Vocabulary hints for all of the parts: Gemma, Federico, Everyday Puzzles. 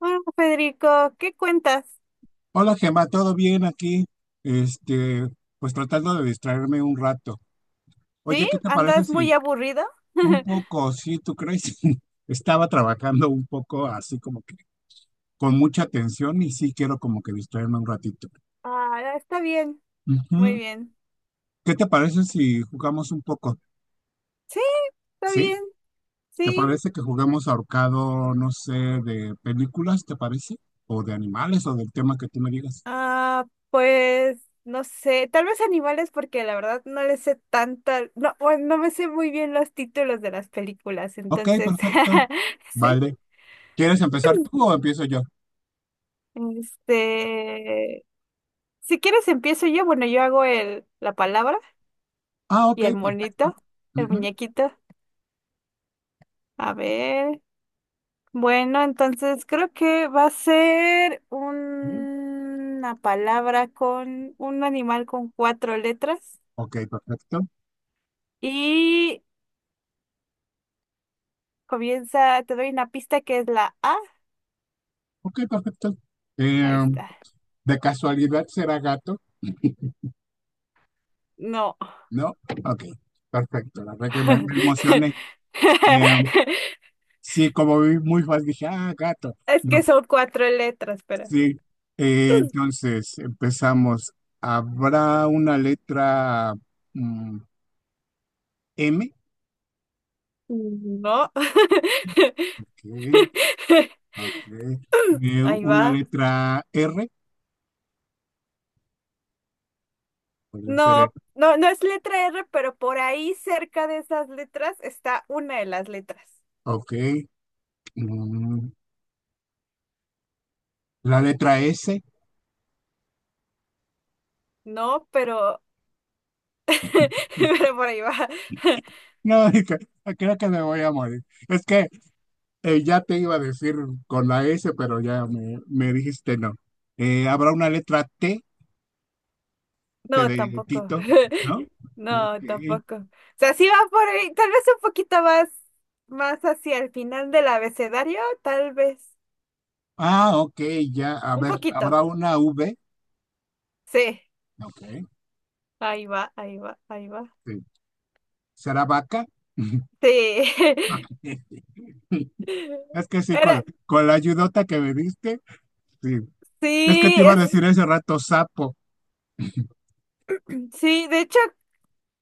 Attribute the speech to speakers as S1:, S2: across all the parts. S1: Hola, Federico, ¿qué cuentas?
S2: Hola Gemma, ¿todo bien aquí? Este, pues tratando de distraerme un rato. Oye,
S1: ¿Sí?
S2: ¿qué te parece
S1: ¿Andas muy
S2: si
S1: aburrido?
S2: un poco, sí, tú crees, estaba trabajando un poco así como que con mucha atención y sí quiero como que distraerme un ratito.
S1: Ah, está bien, muy
S2: Ujú.
S1: bien.
S2: ¿Qué te parece si jugamos un poco?
S1: Sí, está
S2: ¿Sí?
S1: bien,
S2: ¿Te
S1: sí.
S2: parece que jugamos ahorcado, no sé, de películas, te parece? O de animales o del tema que tú me digas.
S1: Ah, pues no sé, tal vez animales porque la verdad no le sé tanta, no, bueno, no me sé muy bien los títulos de las películas,
S2: Ok,
S1: entonces,
S2: perfecto.
S1: sí.
S2: Vale. ¿Quieres empezar tú o empiezo yo?
S1: Este, si quieres empiezo yo, bueno, yo hago el la palabra
S2: Ah,
S1: y
S2: ok,
S1: el monito,
S2: perfecto.
S1: el
S2: Ujú,
S1: muñequito. A ver. Bueno, entonces creo que va a ser
S2: ujú.
S1: una palabra con un animal con cuatro letras
S2: Ok, perfecto.
S1: y comienza, te doy una pista que es la A.
S2: Ok, perfecto.
S1: Ahí
S2: Eh,
S1: está.
S2: de casualidad será gato,
S1: No.
S2: ¿no? Ok, perfecto. La verdad que me emocioné. Eh, sí, como vi muy fácil, dije, ah, gato.
S1: Es que
S2: No,
S1: son cuatro letras, pero
S2: sí. Entonces, empezamos. ¿Habrá una letra mm, M?
S1: no.
S2: Ok, ok.
S1: Ahí va.
S2: Una letra R, puede ser R.
S1: No, no, no es letra R, pero por ahí cerca de esas letras está una de las letras.
S2: Ok. Mm, la letra S.
S1: No, pero pero por ahí va.
S2: No, dije, "Ah, creo que me voy a morir. Es que ya te iba a decir con la S, pero ya me dijiste no. Habrá una letra T, T
S1: No,
S2: de
S1: tampoco.
S2: Tito, ¿no? Ok.
S1: No, tampoco. O sea, sí va por ahí, tal vez un poquito más hacia el final del abecedario, tal vez.
S2: Ah, ok, ya. A
S1: Un
S2: ver,
S1: poquito.
S2: habrá una V.
S1: Sí.
S2: Ok,
S1: Ahí va, ahí va, ahí va.
S2: sí. ¿Será vaca?
S1: Sí.
S2: Es que sí,
S1: Era,
S2: con la ayudota que me diste, sí. Es que
S1: sí,
S2: te iba a
S1: es,
S2: decir ese rato sapo.
S1: sí, de hecho,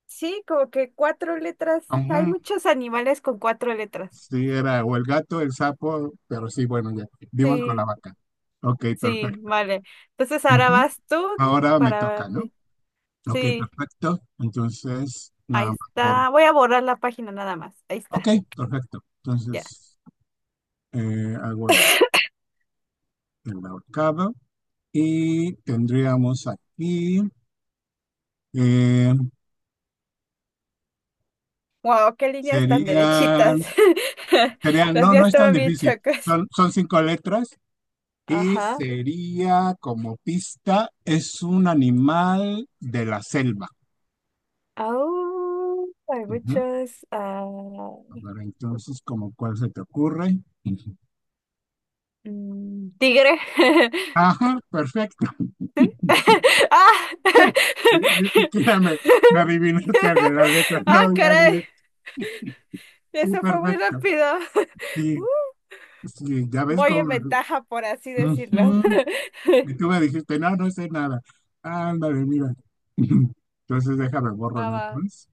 S1: sí, como que cuatro letras.
S2: Ujú.
S1: Hay muchos animales con cuatro letras.
S2: Sí, era o el gato, el sapo, pero sí, bueno, ya dimos con la
S1: Sí,
S2: vaca. Ok,
S1: sí,
S2: perfecto.
S1: vale. Entonces ahora
S2: Ujú.
S1: vas tú
S2: Ahora me toca,
S1: para,
S2: ¿no? Ok,
S1: sí.
S2: perfecto. Entonces, nada
S1: Ahí
S2: más por...
S1: está. Voy a borrar la página nada más. Ahí
S2: Ok,
S1: está.
S2: perfecto.
S1: Ya.
S2: Entonces, hago el ahorcado y tendríamos aquí... eh,
S1: Wow, qué líneas tan
S2: serían,
S1: derechitas.
S2: serían...
S1: Las
S2: No,
S1: mías
S2: no es tan
S1: estaban bien
S2: difícil.
S1: chocas.
S2: Son, son cinco letras y
S1: Ajá.
S2: sería como pista, es un animal de la selva.
S1: Au, hay
S2: Ujú.
S1: muchos. Ah,
S2: A ver, entonces, ¿como cuál se te ocurre?
S1: tigre.
S2: Ajá, perfecto.
S1: ¡Ah!
S2: Ni siquiera me adivinaste algo, la letra,
S1: ¡Ah,
S2: no, ya
S1: caray!
S2: directo. Sí,
S1: Eso fue muy
S2: perfecto.
S1: rápido.
S2: Sí, sí, ya ves
S1: Voy
S2: cómo.
S1: en ventaja, por así decirlo.
S2: Ujú. Y tú me dijiste, no, no sé nada. Ándale, mira. Entonces déjame borro nada
S1: Mamá.
S2: más.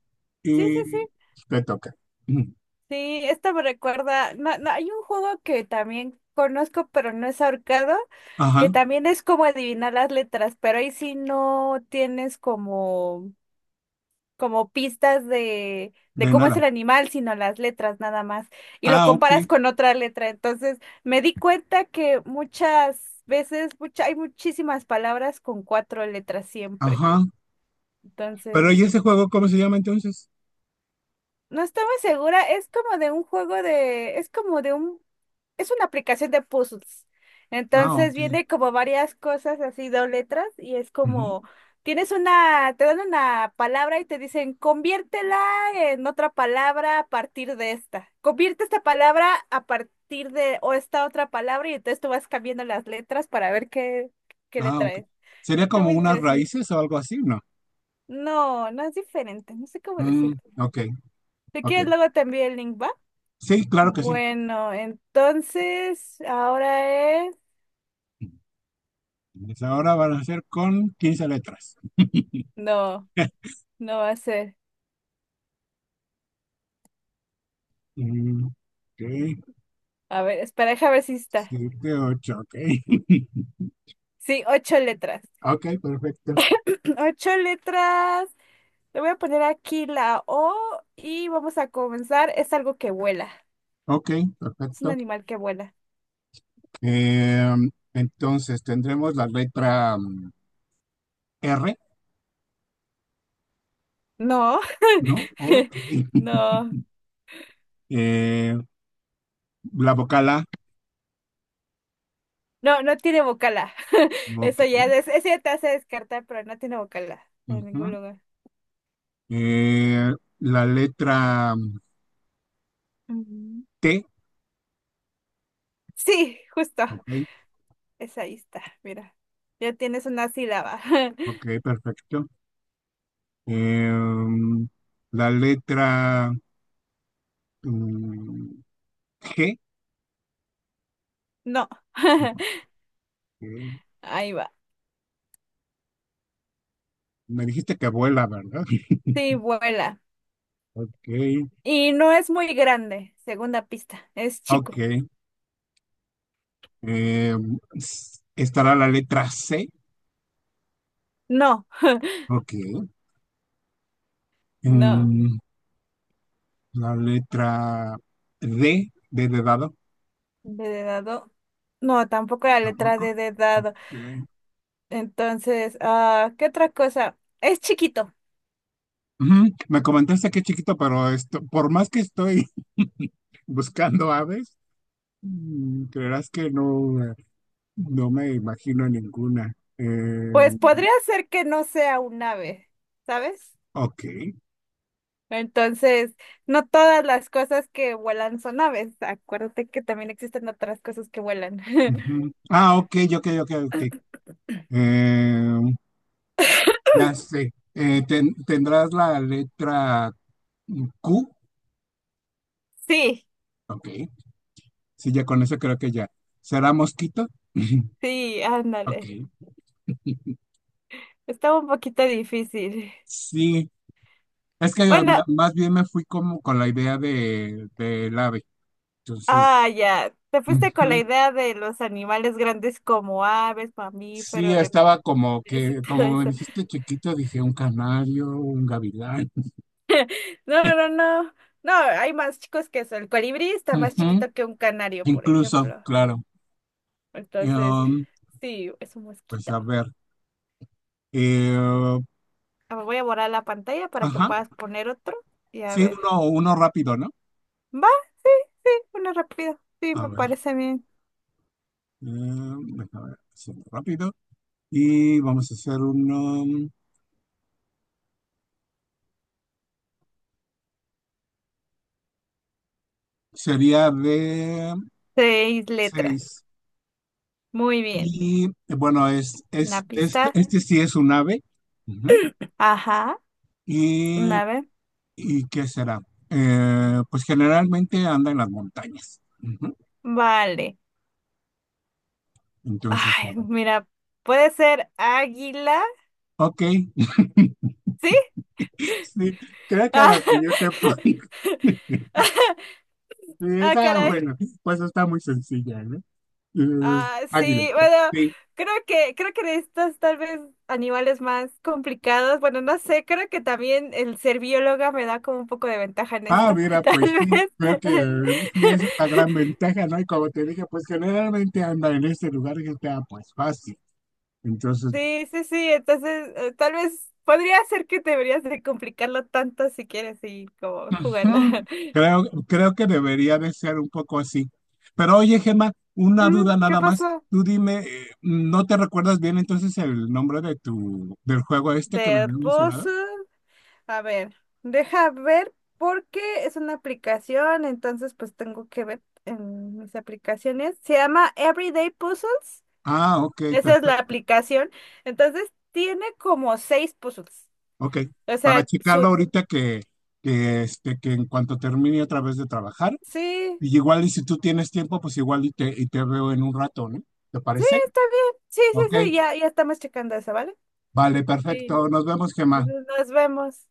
S1: Sí, sí, sí.
S2: Y te toca. Ujú.
S1: Sí, esta me recuerda, no, no, hay un juego que también conozco, pero no es ahorcado,
S2: Ajá,
S1: que también es como adivinar las letras, pero ahí sí no tienes como pistas de
S2: de
S1: cómo es el
S2: nada.
S1: animal, sino las letras nada más, y lo
S2: Ah, ok.
S1: comparas con otra letra. Entonces, me di cuenta que muchas veces, hay muchísimas palabras con cuatro letras siempre.
S2: Ajá. Pero
S1: Entonces,
S2: ¿y ese juego cómo se llama entonces?
S1: no estoy muy segura, es una aplicación de puzzles.
S2: Ah,
S1: Entonces
S2: ok.
S1: viene como varias cosas así, dos letras, y es como, te dan una palabra y te dicen, conviértela en otra palabra a partir de esta. Convierte esta palabra a partir de, o esta otra palabra, y entonces tú vas cambiando las letras para ver qué le
S2: Ah, ok.
S1: traes.
S2: Sería
S1: Está
S2: como
S1: muy
S2: unas
S1: interesante.
S2: raíces o algo así, ¿no?
S1: No, no es diferente, no sé cómo
S2: Mm,
S1: decirlo.
S2: ok,
S1: Si
S2: ok.
S1: quieres, luego te envío el link, ¿va?
S2: Sí, claro que sí.
S1: Bueno, entonces, ahora es...
S2: Pues ahora van a ser con quince letras.
S1: No. No va a ser.
S2: Ok,
S1: A ver, espera, déjame ver si está.
S2: 7, 8, ok.
S1: Sí, ocho letras.
S2: Ok, perfecto.
S1: Ocho letras. Le voy a poner aquí la O y vamos a comenzar. Es algo que vuela.
S2: Ok,
S1: Es un
S2: perfecto.
S1: animal que vuela.
S2: Eh, entonces tendremos la letra R,
S1: No,
S2: ¿no? Ok.
S1: no,
S2: Eh, la vocal A,
S1: no, no tiene vocala.
S2: ok.
S1: Eso ya, es, eso ya te hace descartar, pero no tiene vocala en ningún
S2: Ujú.
S1: lugar.
S2: Eh, la letra
S1: Ujú.
S2: T,
S1: Sí, justo.
S2: ok,
S1: Esa ahí está, mira. Ya tienes una sílaba.
S2: ok, perfecto. Em, la letra mm, G.
S1: No.
S2: Ok.
S1: Ahí va.
S2: Me dijiste que vuela, ¿verdad?
S1: Sí, vuela.
S2: Ok,
S1: Y no es muy grande, segunda pista, es chico.
S2: ok. Estará la letra C.
S1: No,
S2: Ok.
S1: no.
S2: Em, la letra D, D de dado.
S1: D de dado. No, tampoco la letra
S2: Tampoco.
S1: D de
S2: Ok.
S1: dado. Entonces, ah, ¿qué otra cosa? Es chiquito.
S2: Ujú. Me comentaste que es chiquito, pero esto, por más que estoy buscando aves, creerás que no, no me imagino ninguna.
S1: Pues
S2: Em,
S1: podría ser que no sea un ave, ¿sabes?
S2: ok.
S1: Entonces, no todas las cosas que vuelan son aves. Acuérdate que también existen otras cosas que vuelan.
S2: Ujú. Ah, ok, ok, ok, ok. Eh, ya sé. ¿Tendrás la letra Q?
S1: Sí,
S2: Ok. Sí, ya con eso creo que ya. ¿Será mosquito?
S1: sí,
S2: Ok.
S1: ándale. Estaba un poquito difícil.
S2: Sí. Es que
S1: Bueno,
S2: más bien me fui como con la idea de del ave. Entonces,
S1: ah, ya. Te fuiste con la
S2: ujú.
S1: idea de los animales grandes como aves,
S2: Sí,
S1: mamíferos,
S2: estaba como
S1: reptiles y
S2: que,
S1: todo
S2: como me
S1: eso.
S2: dijiste chiquito, dije un canario, un gavilán.
S1: No, no, no. No, hay más chicos que eso. El colibrí está más
S2: Ujú,
S1: chiquito que un canario, por
S2: incluso,
S1: ejemplo.
S2: claro.
S1: Entonces,
S2: Em,
S1: sí, es un
S2: pues
S1: mosquito.
S2: a ver. Eh,
S1: Ah, voy a borrar la pantalla para que
S2: ajá,
S1: puedas poner otro y a
S2: sí,
S1: ver.
S2: uno, uno rápido, ¿no?
S1: Va, sí, sí, uno rápido. Sí,
S2: A
S1: me
S2: ver,
S1: parece bien.
S2: déjame ver, hacerlo rápido. Y vamos a hacer uno, sería de
S1: Seis letras.
S2: seis.
S1: Muy bien.
S2: Y bueno,
S1: Una pista.
S2: este sí es un ave. Ujú.
S1: Ajá.
S2: Y,
S1: Una vez.
S2: ¿Y qué será? Pues generalmente anda en las montañas. Ujú.
S1: Vale.
S2: Entonces, a
S1: Ay,
S2: ver.
S1: mira, puede ser águila,
S2: Ok,
S1: ¿sí?
S2: sí, creo que
S1: Ah,
S2: lo que yo te pongo. Sí,
S1: ah,
S2: esa,
S1: caray.
S2: bueno, pues está muy sencilla, ¿eh? Mm,
S1: Ah,
S2: águila.
S1: sí, bueno,
S2: Sí.
S1: creo que de estos tal vez animales más complicados, bueno, no sé, creo que también el ser bióloga me da como un poco de ventaja en
S2: Ah,
S1: esta,
S2: mira,
S1: tal
S2: pues sí,
S1: vez.
S2: creo que sí es una gran ventaja, ¿no? Y como te dije, pues generalmente anda en este lugar que está pues fácil. Entonces,
S1: Sí, sí, sí, entonces tal vez podría ser que deberías de complicarlo tanto si quieres y como jugando.
S2: ujú, creo, creo que debería de ser un poco así. Pero oye, Gemma, una
S1: Mm,
S2: duda
S1: ¿qué
S2: nada más.
S1: pasó?
S2: Tú dime, ¿no te recuerdas bien entonces el nombre de tu, del juego este que me
S1: ¿De
S2: habías
S1: pozo?
S2: mencionado?
S1: A ver, deja ver porque es una aplicación, entonces pues tengo que ver en mis aplicaciones. Se llama Everyday Puzzles,
S2: Ah, ok,
S1: esa es la
S2: perfecto.
S1: aplicación. Entonces tiene como seis puzzles.
S2: Ok,
S1: O
S2: para
S1: sea,
S2: checarlo
S1: su...
S2: ahorita que en cuanto termine otra vez de trabajar.
S1: Sí,
S2: Y igual y si tú tienes tiempo, pues igual y y te veo en un rato, ¿no? ¿Te
S1: sí,
S2: parece?
S1: está bien. Sí, sí,
S2: Ok,
S1: sí, ya, ya estamos checando eso, ¿vale?
S2: vale,
S1: Sí.
S2: perfecto. Nos vemos, Gemma.
S1: Entonces nos vemos.